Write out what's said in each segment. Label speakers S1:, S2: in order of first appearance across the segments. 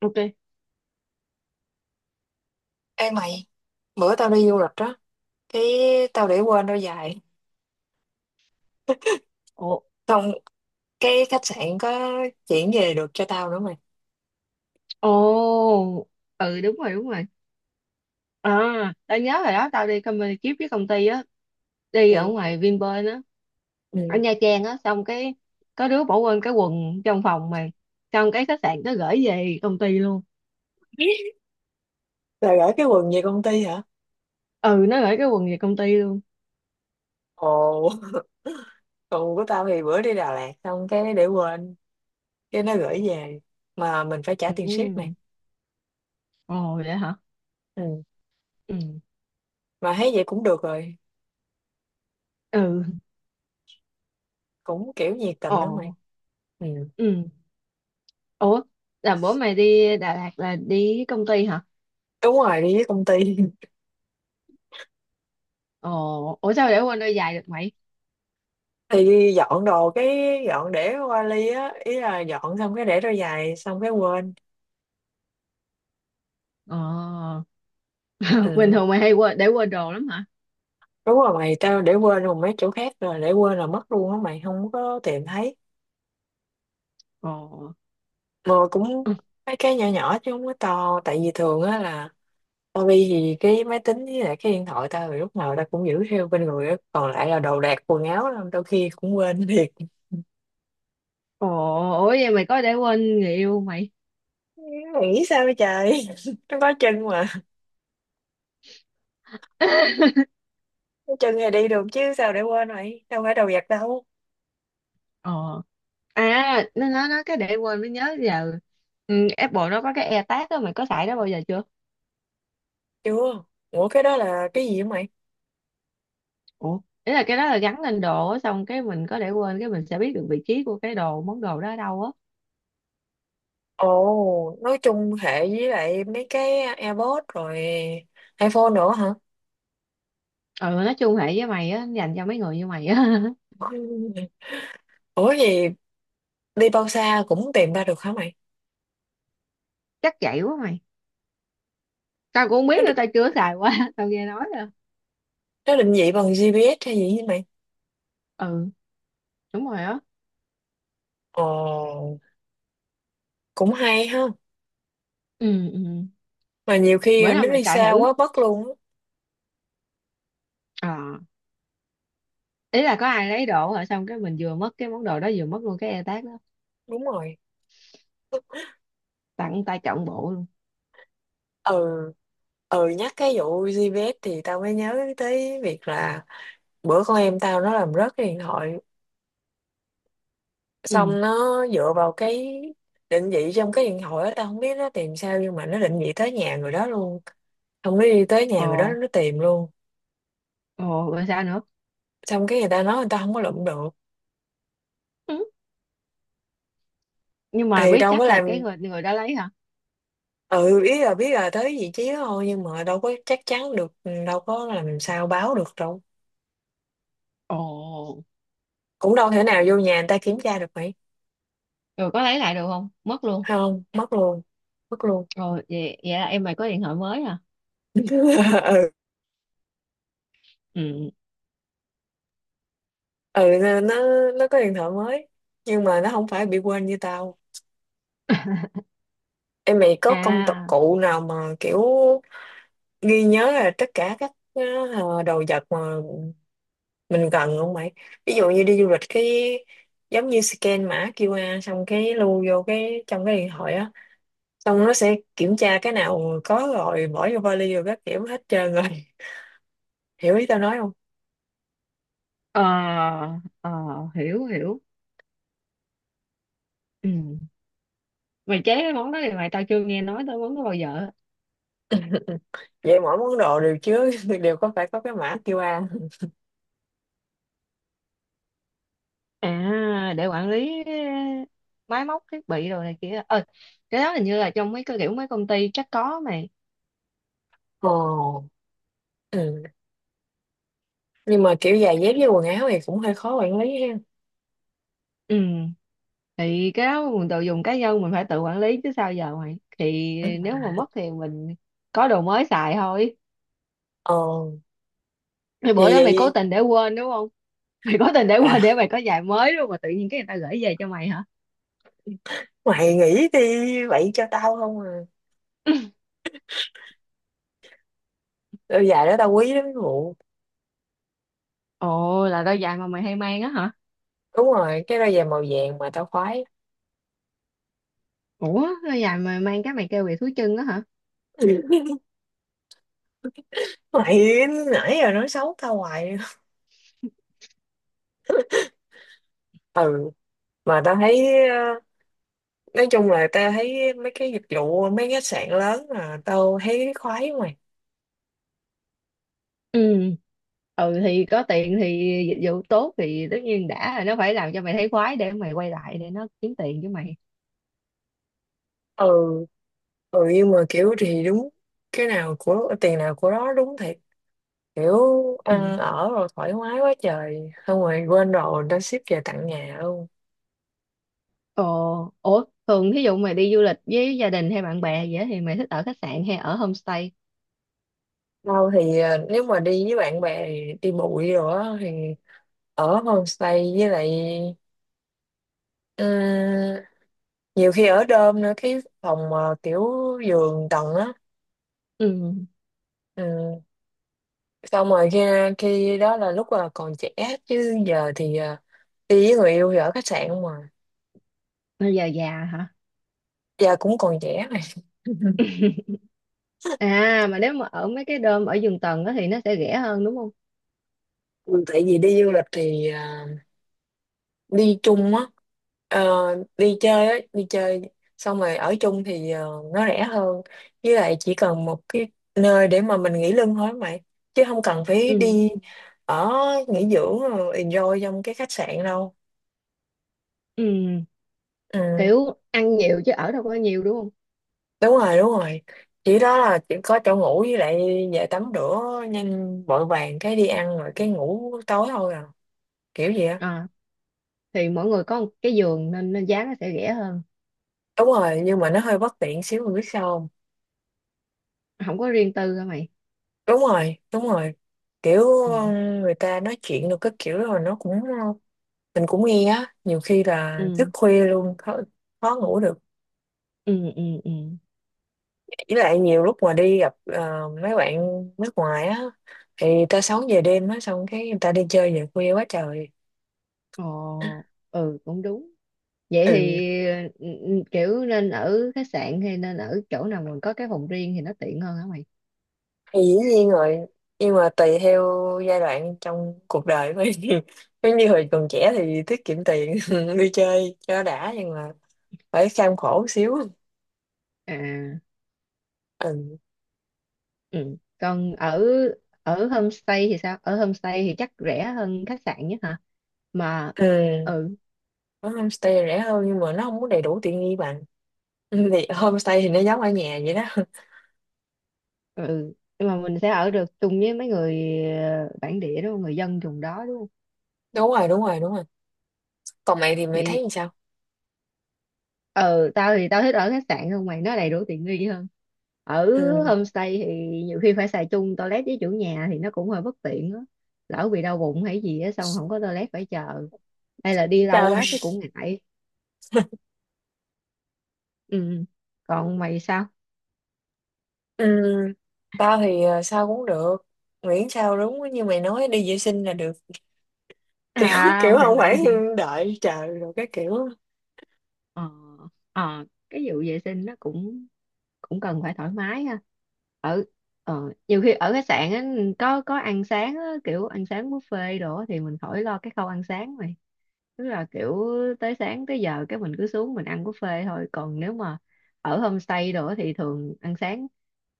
S1: Ok.
S2: Ê mày, bữa tao đi du lịch đó, cái tao để quên đôi giày.
S1: Ồ.
S2: Xong cái khách sạn có chuyển về được cho tao nữa mày.
S1: Ồ. Ừ, đúng rồi, đúng rồi. À, tao nhớ rồi đó, tao đi company trip với công ty á, đi ở
S2: Ừ.
S1: ngoài Vinpearl á, ở
S2: Ừ.
S1: Nha Trang á, xong cái có đứa bỏ quên cái quần trong phòng mà, xong cái khách sạn nó gửi về công ty luôn.
S2: Là gửi cái quần về công ty hả?
S1: Ừ, nó gửi cái quần về công ty luôn.
S2: Ồ, quần của tao thì bữa đi Đà Lạt xong cái để quên, cái nó gửi về. Mà mình phải trả tiền ship mày.
S1: Ừ. Ồ vậy hả.
S2: Ừ.
S1: Ừ.
S2: Mà thấy vậy cũng được rồi,
S1: Ừ.
S2: cũng kiểu nhiệt tình đó mày.
S1: Ồ.
S2: Ừ.
S1: Ừ. Ủa, là bữa mày đi Đà Lạt là đi với công ty hả?
S2: Đúng rồi, đi với công ty.
S1: Ồ. Ủa sao để quên đôi giày được mày?
S2: Thì dọn đồ cái để vali á, ý là dọn xong cái để đôi giày xong cái quên.
S1: Ồ. Bình
S2: Ừ.
S1: thường mày hay quên để quên đồ lắm hả?
S2: Đúng rồi mày, tao để quên rồi mấy chỗ khác rồi, để quên là mất luôn á mày, không có tìm thấy.
S1: Ồ.
S2: Mà cũng mấy cái nhỏ nhỏ chứ không có to, tại vì thường á là tao đi thì cái máy tính với lại cái điện thoại tao thì lúc nào tao cũng giữ theo bên người á, còn lại là đồ đạc quần áo là đôi khi cũng quên thiệt.
S1: Ồ. Ủa vậy mày có để quên người yêu mày?
S2: Mày nghĩ sao vậy trời, nó có chân mà, có chân thì đi được chứ sao để quên, mày đâu phải đồ vật đâu.
S1: Ờ, à nó cái để quên mới nhớ giờ. Ừ, Apple nó có cái AirTag đó, mày có xài đó bao giờ chưa?
S2: Chưa. Ủa cái đó là cái gì vậy mày?
S1: Ủa, ý là cái đó là gắn lên đồ á, xong cái mình có để quên cái mình sẽ biết được vị trí của cái đồ món đồ đó ở đâu á.
S2: Ồ, nói chung hệ với lại mấy cái AirPods rồi iPhone nữa hả?
S1: Ừ, nói chung hệ với mày á, dành cho mấy người như mày á.
S2: Ủa gì, đi bao xa cũng tìm ra được hả mày?
S1: Chắc vậy quá mày, tao cũng không biết
S2: Nó,
S1: nữa,
S2: đ-
S1: tao chưa xài qua. Tao nghe nói rồi.
S2: nó định vị bằng GPS hay gì vậy mày?
S1: Ừ, đúng rồi á.
S2: Ồ, cũng hay ha.
S1: Ừ. Ừ.
S2: Mà nhiều
S1: Bữa
S2: khi
S1: nào
S2: nó
S1: mày
S2: đi
S1: xài
S2: xa
S1: thử.
S2: quá mất luôn á.
S1: Ờ, ý là có ai lấy đồ hả, xong cái mình vừa mất cái món đồ đó vừa mất luôn cái e tag đó,
S2: Đúng rồi.
S1: tặng tay trọn bộ luôn.
S2: Ừ, ừ, nhắc cái vụ GPS thì tao mới nhớ tới việc là bữa con em tao nó làm rớt cái điện thoại.
S1: Ừ.
S2: Xong nó dựa vào cái định vị trong cái điện thoại đó, tao không biết nó tìm sao nhưng mà nó định vị tới nhà người đó luôn. Xong nó đi tới nhà
S1: Ồ.
S2: người đó nó tìm luôn.
S1: Ồ rồi sao nữa.
S2: Xong cái người ta nói người ta không có lụm được.
S1: Ừ. Nhưng mà
S2: Thì
S1: biết
S2: đâu có
S1: chắc là
S2: làm,
S1: cái người người đã lấy hả?
S2: ừ, ý là biết là tới vị trí đó thôi nhưng mà đâu có chắc chắn được, ừ, đâu có làm sao báo được đâu.
S1: Ồ.
S2: Cũng đâu thể nào vô nhà người ta kiểm tra được mày.
S1: Rồi có lấy lại được không, mất luôn?
S2: Không, mất luôn, mất luôn.
S1: Rồi vậy vậy là em mày có điện thoại mới hả? Ừ.
S2: Ừ nó nó có điện thoại mới nhưng mà nó không phải bị quên như tao. Em mày có công tập
S1: À.
S2: cụ nào mà kiểu ghi nhớ là tất cả các đồ vật mà mình cần không mày? Ví dụ như đi du lịch cái giống như scan mã QR xong cái lưu vô cái trong cái điện thoại á, xong nó sẽ kiểm tra cái nào có rồi bỏ vô vali rồi các kiểu hết trơn rồi. Hiểu ý tao nói không?
S1: Ờ. Ờ, hiểu hiểu. Ừ. Mày chế cái món đó thì tao chưa nghe nói tới món đó bao giờ.
S2: Vậy mỗi món đồ đều chứa đều có, phải có cái mã QR.
S1: À, để quản lý máy móc thiết bị rồi này kia. Ờ cái đó hình như là trong mấy cái kiểu mấy công ty chắc có mà.
S2: Ồ. Ừ. Nhưng mà kiểu giày dép với quần áo thì cũng hơi khó quản lý ha.
S1: Ừ. Thì cái đó mình tự dùng cá nhân mình phải tự quản lý chứ sao giờ mày, thì nếu mà mất thì mình có đồ mới xài thôi.
S2: Ờ,
S1: Thì bữa
S2: vậy
S1: đó mày cố
S2: vậy
S1: tình để quên đúng không? Mày cố tình để
S2: là
S1: quên để mày có giày mới đúng không, mà tự nhiên cái người ta gửi về cho mày hả?
S2: mày nghĩ đi vậy cho tao không à? Đôi giày đó tao quý lắm vụ.
S1: Ồ, là đôi giày mà mày hay mang á hả?
S2: Đúng rồi, cái đôi giày màu vàng mà tao khoái.
S1: Ủa, đôi giày mà mang cái mày kêu về thú chân á hả?
S2: Mày nãy giờ nói xấu tao hoài. Ừ, mà tao thấy nói chung là tao thấy mấy cái dịch vụ mấy khách sạn lớn là tao thấy khoái mày.
S1: Ừ, thì có tiền thì dịch vụ tốt thì tất nhiên đã là nó phải làm cho mày thấy khoái để mày quay lại để nó kiếm tiền với mày.
S2: Ừ ừ nhưng mà kiểu thì đúng, cái nào của tiền nào của đó, đúng thiệt kiểu
S1: Ừ.
S2: ăn ở rồi thoải mái quá trời xong rồi quên rồi đã ship về tận nhà luôn.
S1: Ồ, ủa, thường thí dụ mày đi du lịch với gia đình hay bạn bè vậy á, thì mày thích ở khách sạn hay ở homestay?
S2: Đâu thì à, nếu mà đi với bạn bè thì đi bụi rồi á, thì ở homestay với lại, ừ, nhiều khi ở đơm nữa, cái phòng mà kiểu giường tầng á.
S1: Ừ.
S2: Ừ, xong rồi khi khi đó là lúc là còn trẻ chứ giờ thì à, đi với người yêu thì ở khách sạn không mà.
S1: Bây giờ già hả?
S2: Giờ cũng còn trẻ mà.
S1: À, mà nếu mà ở mấy cái đom ở giường tầng á thì nó sẽ rẻ hơn đúng không?
S2: Ừ, tại vì đi du lịch thì à, đi chung á. Ờ, đi chơi á, đi chơi xong rồi ở chung thì ờ, nó rẻ hơn. Với lại chỉ cần một cái nơi để mà mình nghỉ lưng thôi mày chứ không cần phải
S1: Ừ.
S2: đi ở nghỉ dưỡng rồi enjoy trong cái khách sạn đâu.
S1: Ừ,
S2: Ừ.
S1: kiểu ăn nhiều chứ ở đâu có nhiều đúng không?
S2: Đúng rồi đúng rồi, chỉ đó là chỉ có chỗ ngủ với lại về tắm rửa nhanh vội vàng cái đi ăn rồi cái ngủ tối thôi à, kiểu gì á.
S1: À, thì mỗi người có một cái giường nên giá nó sẽ rẻ hơn.
S2: Đúng rồi nhưng mà nó hơi bất tiện xíu, mình biết sao không.
S1: Không có riêng tư hả mày?
S2: Đúng rồi đúng rồi, kiểu,
S1: Ừ.
S2: ừ, người ta nói chuyện được cái kiểu rồi nó cũng, mình cũng nghe á, nhiều khi là thức
S1: Ừ.
S2: khuya luôn, khó, khó ngủ được.
S1: Ừ. Ừ. Ừ.
S2: Với lại nhiều lúc mà đi gặp mấy bạn nước ngoài á thì người ta sống về đêm á, xong cái người ta đi chơi về khuya quá trời.
S1: Ồ. Ừ, cũng đúng. Vậy
S2: Ừ
S1: thì ừ, ừ, kiểu nên ở khách sạn hay nên ở chỗ nào mình có cái phòng riêng thì nó tiện hơn hả mày?
S2: thì dĩ nhiên rồi, nhưng mà tùy theo giai đoạn trong cuộc đời của em. Giống như hồi còn trẻ thì tiết kiệm tiền đi chơi cho đã nhưng mà phải kham khổ xíu.
S1: À.
S2: Ừ.
S1: Ừ. Còn ở ở homestay thì sao? Ở homestay thì chắc rẻ hơn khách sạn nhất hả mà.
S2: Ừ.
S1: Ừ.
S2: Ở homestay rẻ hơn nhưng mà nó không có đầy đủ tiện nghi bằng. Ừ, thì homestay thì nó giống ở nhà vậy đó.
S1: Ừ, nhưng mà mình sẽ ở được chung với mấy người bản địa đúng không, người dân vùng đó đúng không?
S2: Đúng rồi đúng rồi đúng rồi. Còn mày thì mày
S1: Thì
S2: thấy như sao?
S1: ờ tao thì tao thích ở khách sạn hơn mày, nó đầy đủ tiện nghi hơn. Ở
S2: Ừ.
S1: homestay thì nhiều khi phải xài chung toilet với chủ nhà thì nó cũng hơi bất tiện á, lỡ bị đau bụng hay gì á xong không có toilet phải chờ, hay là đi lâu quá cái
S2: Trời.
S1: cũng ngại. Ừ, còn mày sao?
S2: Ừ. Tao thì ờ, sao cũng được, miễn sao đúng như mày nói đi vệ sinh là được. Kiểu
S1: À,
S2: kiểu
S1: mày
S2: không phải
S1: mày
S2: đợi chờ rồi cái kiểu
S1: Ờ. Ờ, cái vụ vệ sinh nó cũng cũng cần phải thoải mái ha. ở Nhiều khi ở khách sạn á, có ăn sáng á, kiểu ăn sáng buffet đồ á, thì mình khỏi lo cái khâu ăn sáng mày. Tức là kiểu tới sáng tới giờ cái mình cứ xuống mình ăn buffet thôi. Còn nếu mà ở homestay đồ á thì thường ăn sáng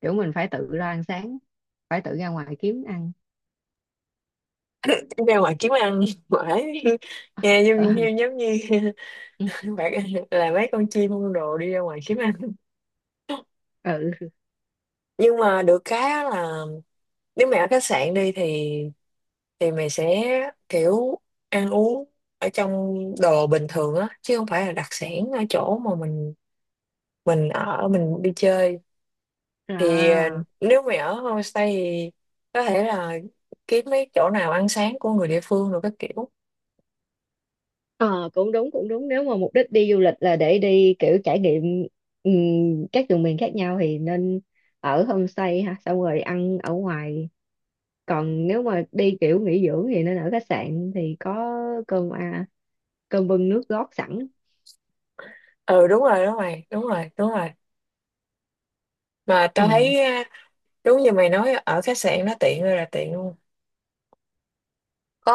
S1: kiểu mình phải tự ra ăn sáng, phải tự ra ngoài kiếm ăn.
S2: ra ngoài kiếm ăn mãi. Nghe giống như
S1: Ừ.
S2: bạn là mấy con chim con đồ đi ra ngoài kiếm ăn.
S1: Ừ.
S2: Nhưng mà được cái á là nếu mày ở khách sạn đi thì mày sẽ kiểu ăn uống ở trong đồ bình thường á chứ không phải là đặc sản ở chỗ mà mình ở, mình đi chơi thì ờ,
S1: Rồi.
S2: nếu mày ở homestay thì có thể là kiếm mấy chỗ nào ăn sáng của người địa phương rồi các kiểu.
S1: Ờ, cũng đúng, cũng đúng, nếu mà mục đích đi du lịch là để đi kiểu trải nghiệm các vùng miền khác nhau thì nên ở homestay ha, xong rồi ăn ở ngoài. Còn nếu mà đi kiểu nghỉ dưỡng thì nên ở khách sạn thì có cơm à, cơm bưng nước gót sẵn.
S2: Ừ đúng rồi đúng rồi đúng rồi đúng rồi, mà
S1: Ừ.
S2: tao thấy đúng như mày nói ở khách sạn nó tiện ơi là tiện luôn.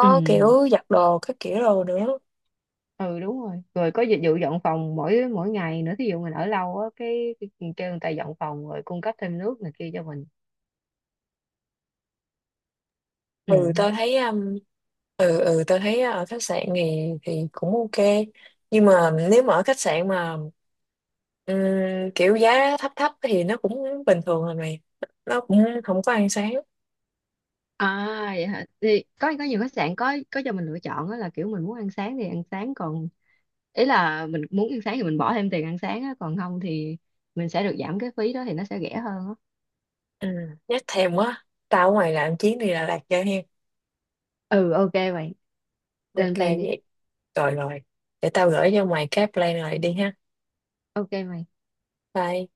S1: Ừ.
S2: kiểu giặt đồ các kiểu đồ nữa.
S1: Ừ đúng rồi, rồi có dịch vụ dọn phòng mỗi mỗi ngày nữa, thí dụ mình ở lâu á cái kêu người ta dọn phòng rồi cung cấp thêm nước này kia cho mình.
S2: Ừ
S1: Ừ.
S2: tao thấy ừ, tao thấy ở khách sạn thì cũng ok. Nhưng mà nếu mà ở khách sạn mà ừm, kiểu giá thấp thấp thì nó cũng bình thường rồi mày. Nó cũng không có ăn sáng.
S1: À vậy hả? Thì có nhiều khách sạn có cho mình lựa chọn đó là kiểu mình muốn ăn sáng thì ăn sáng, còn ý là mình muốn ăn sáng thì mình bỏ thêm tiền ăn sáng á, còn không thì mình sẽ được giảm cái phí đó thì nó sẽ rẻ hơn á.
S2: Ừ, nhắc thèm quá. Tao ở ngoài làm chuyến đi Đà Lạt cho hen.
S1: Ừ, ok mày, lên
S2: Ok
S1: plan đi.
S2: vậy. Rồi rồi. Để tao gửi cho mày cái plan này đi ha.
S1: Ok mày.
S2: Bye.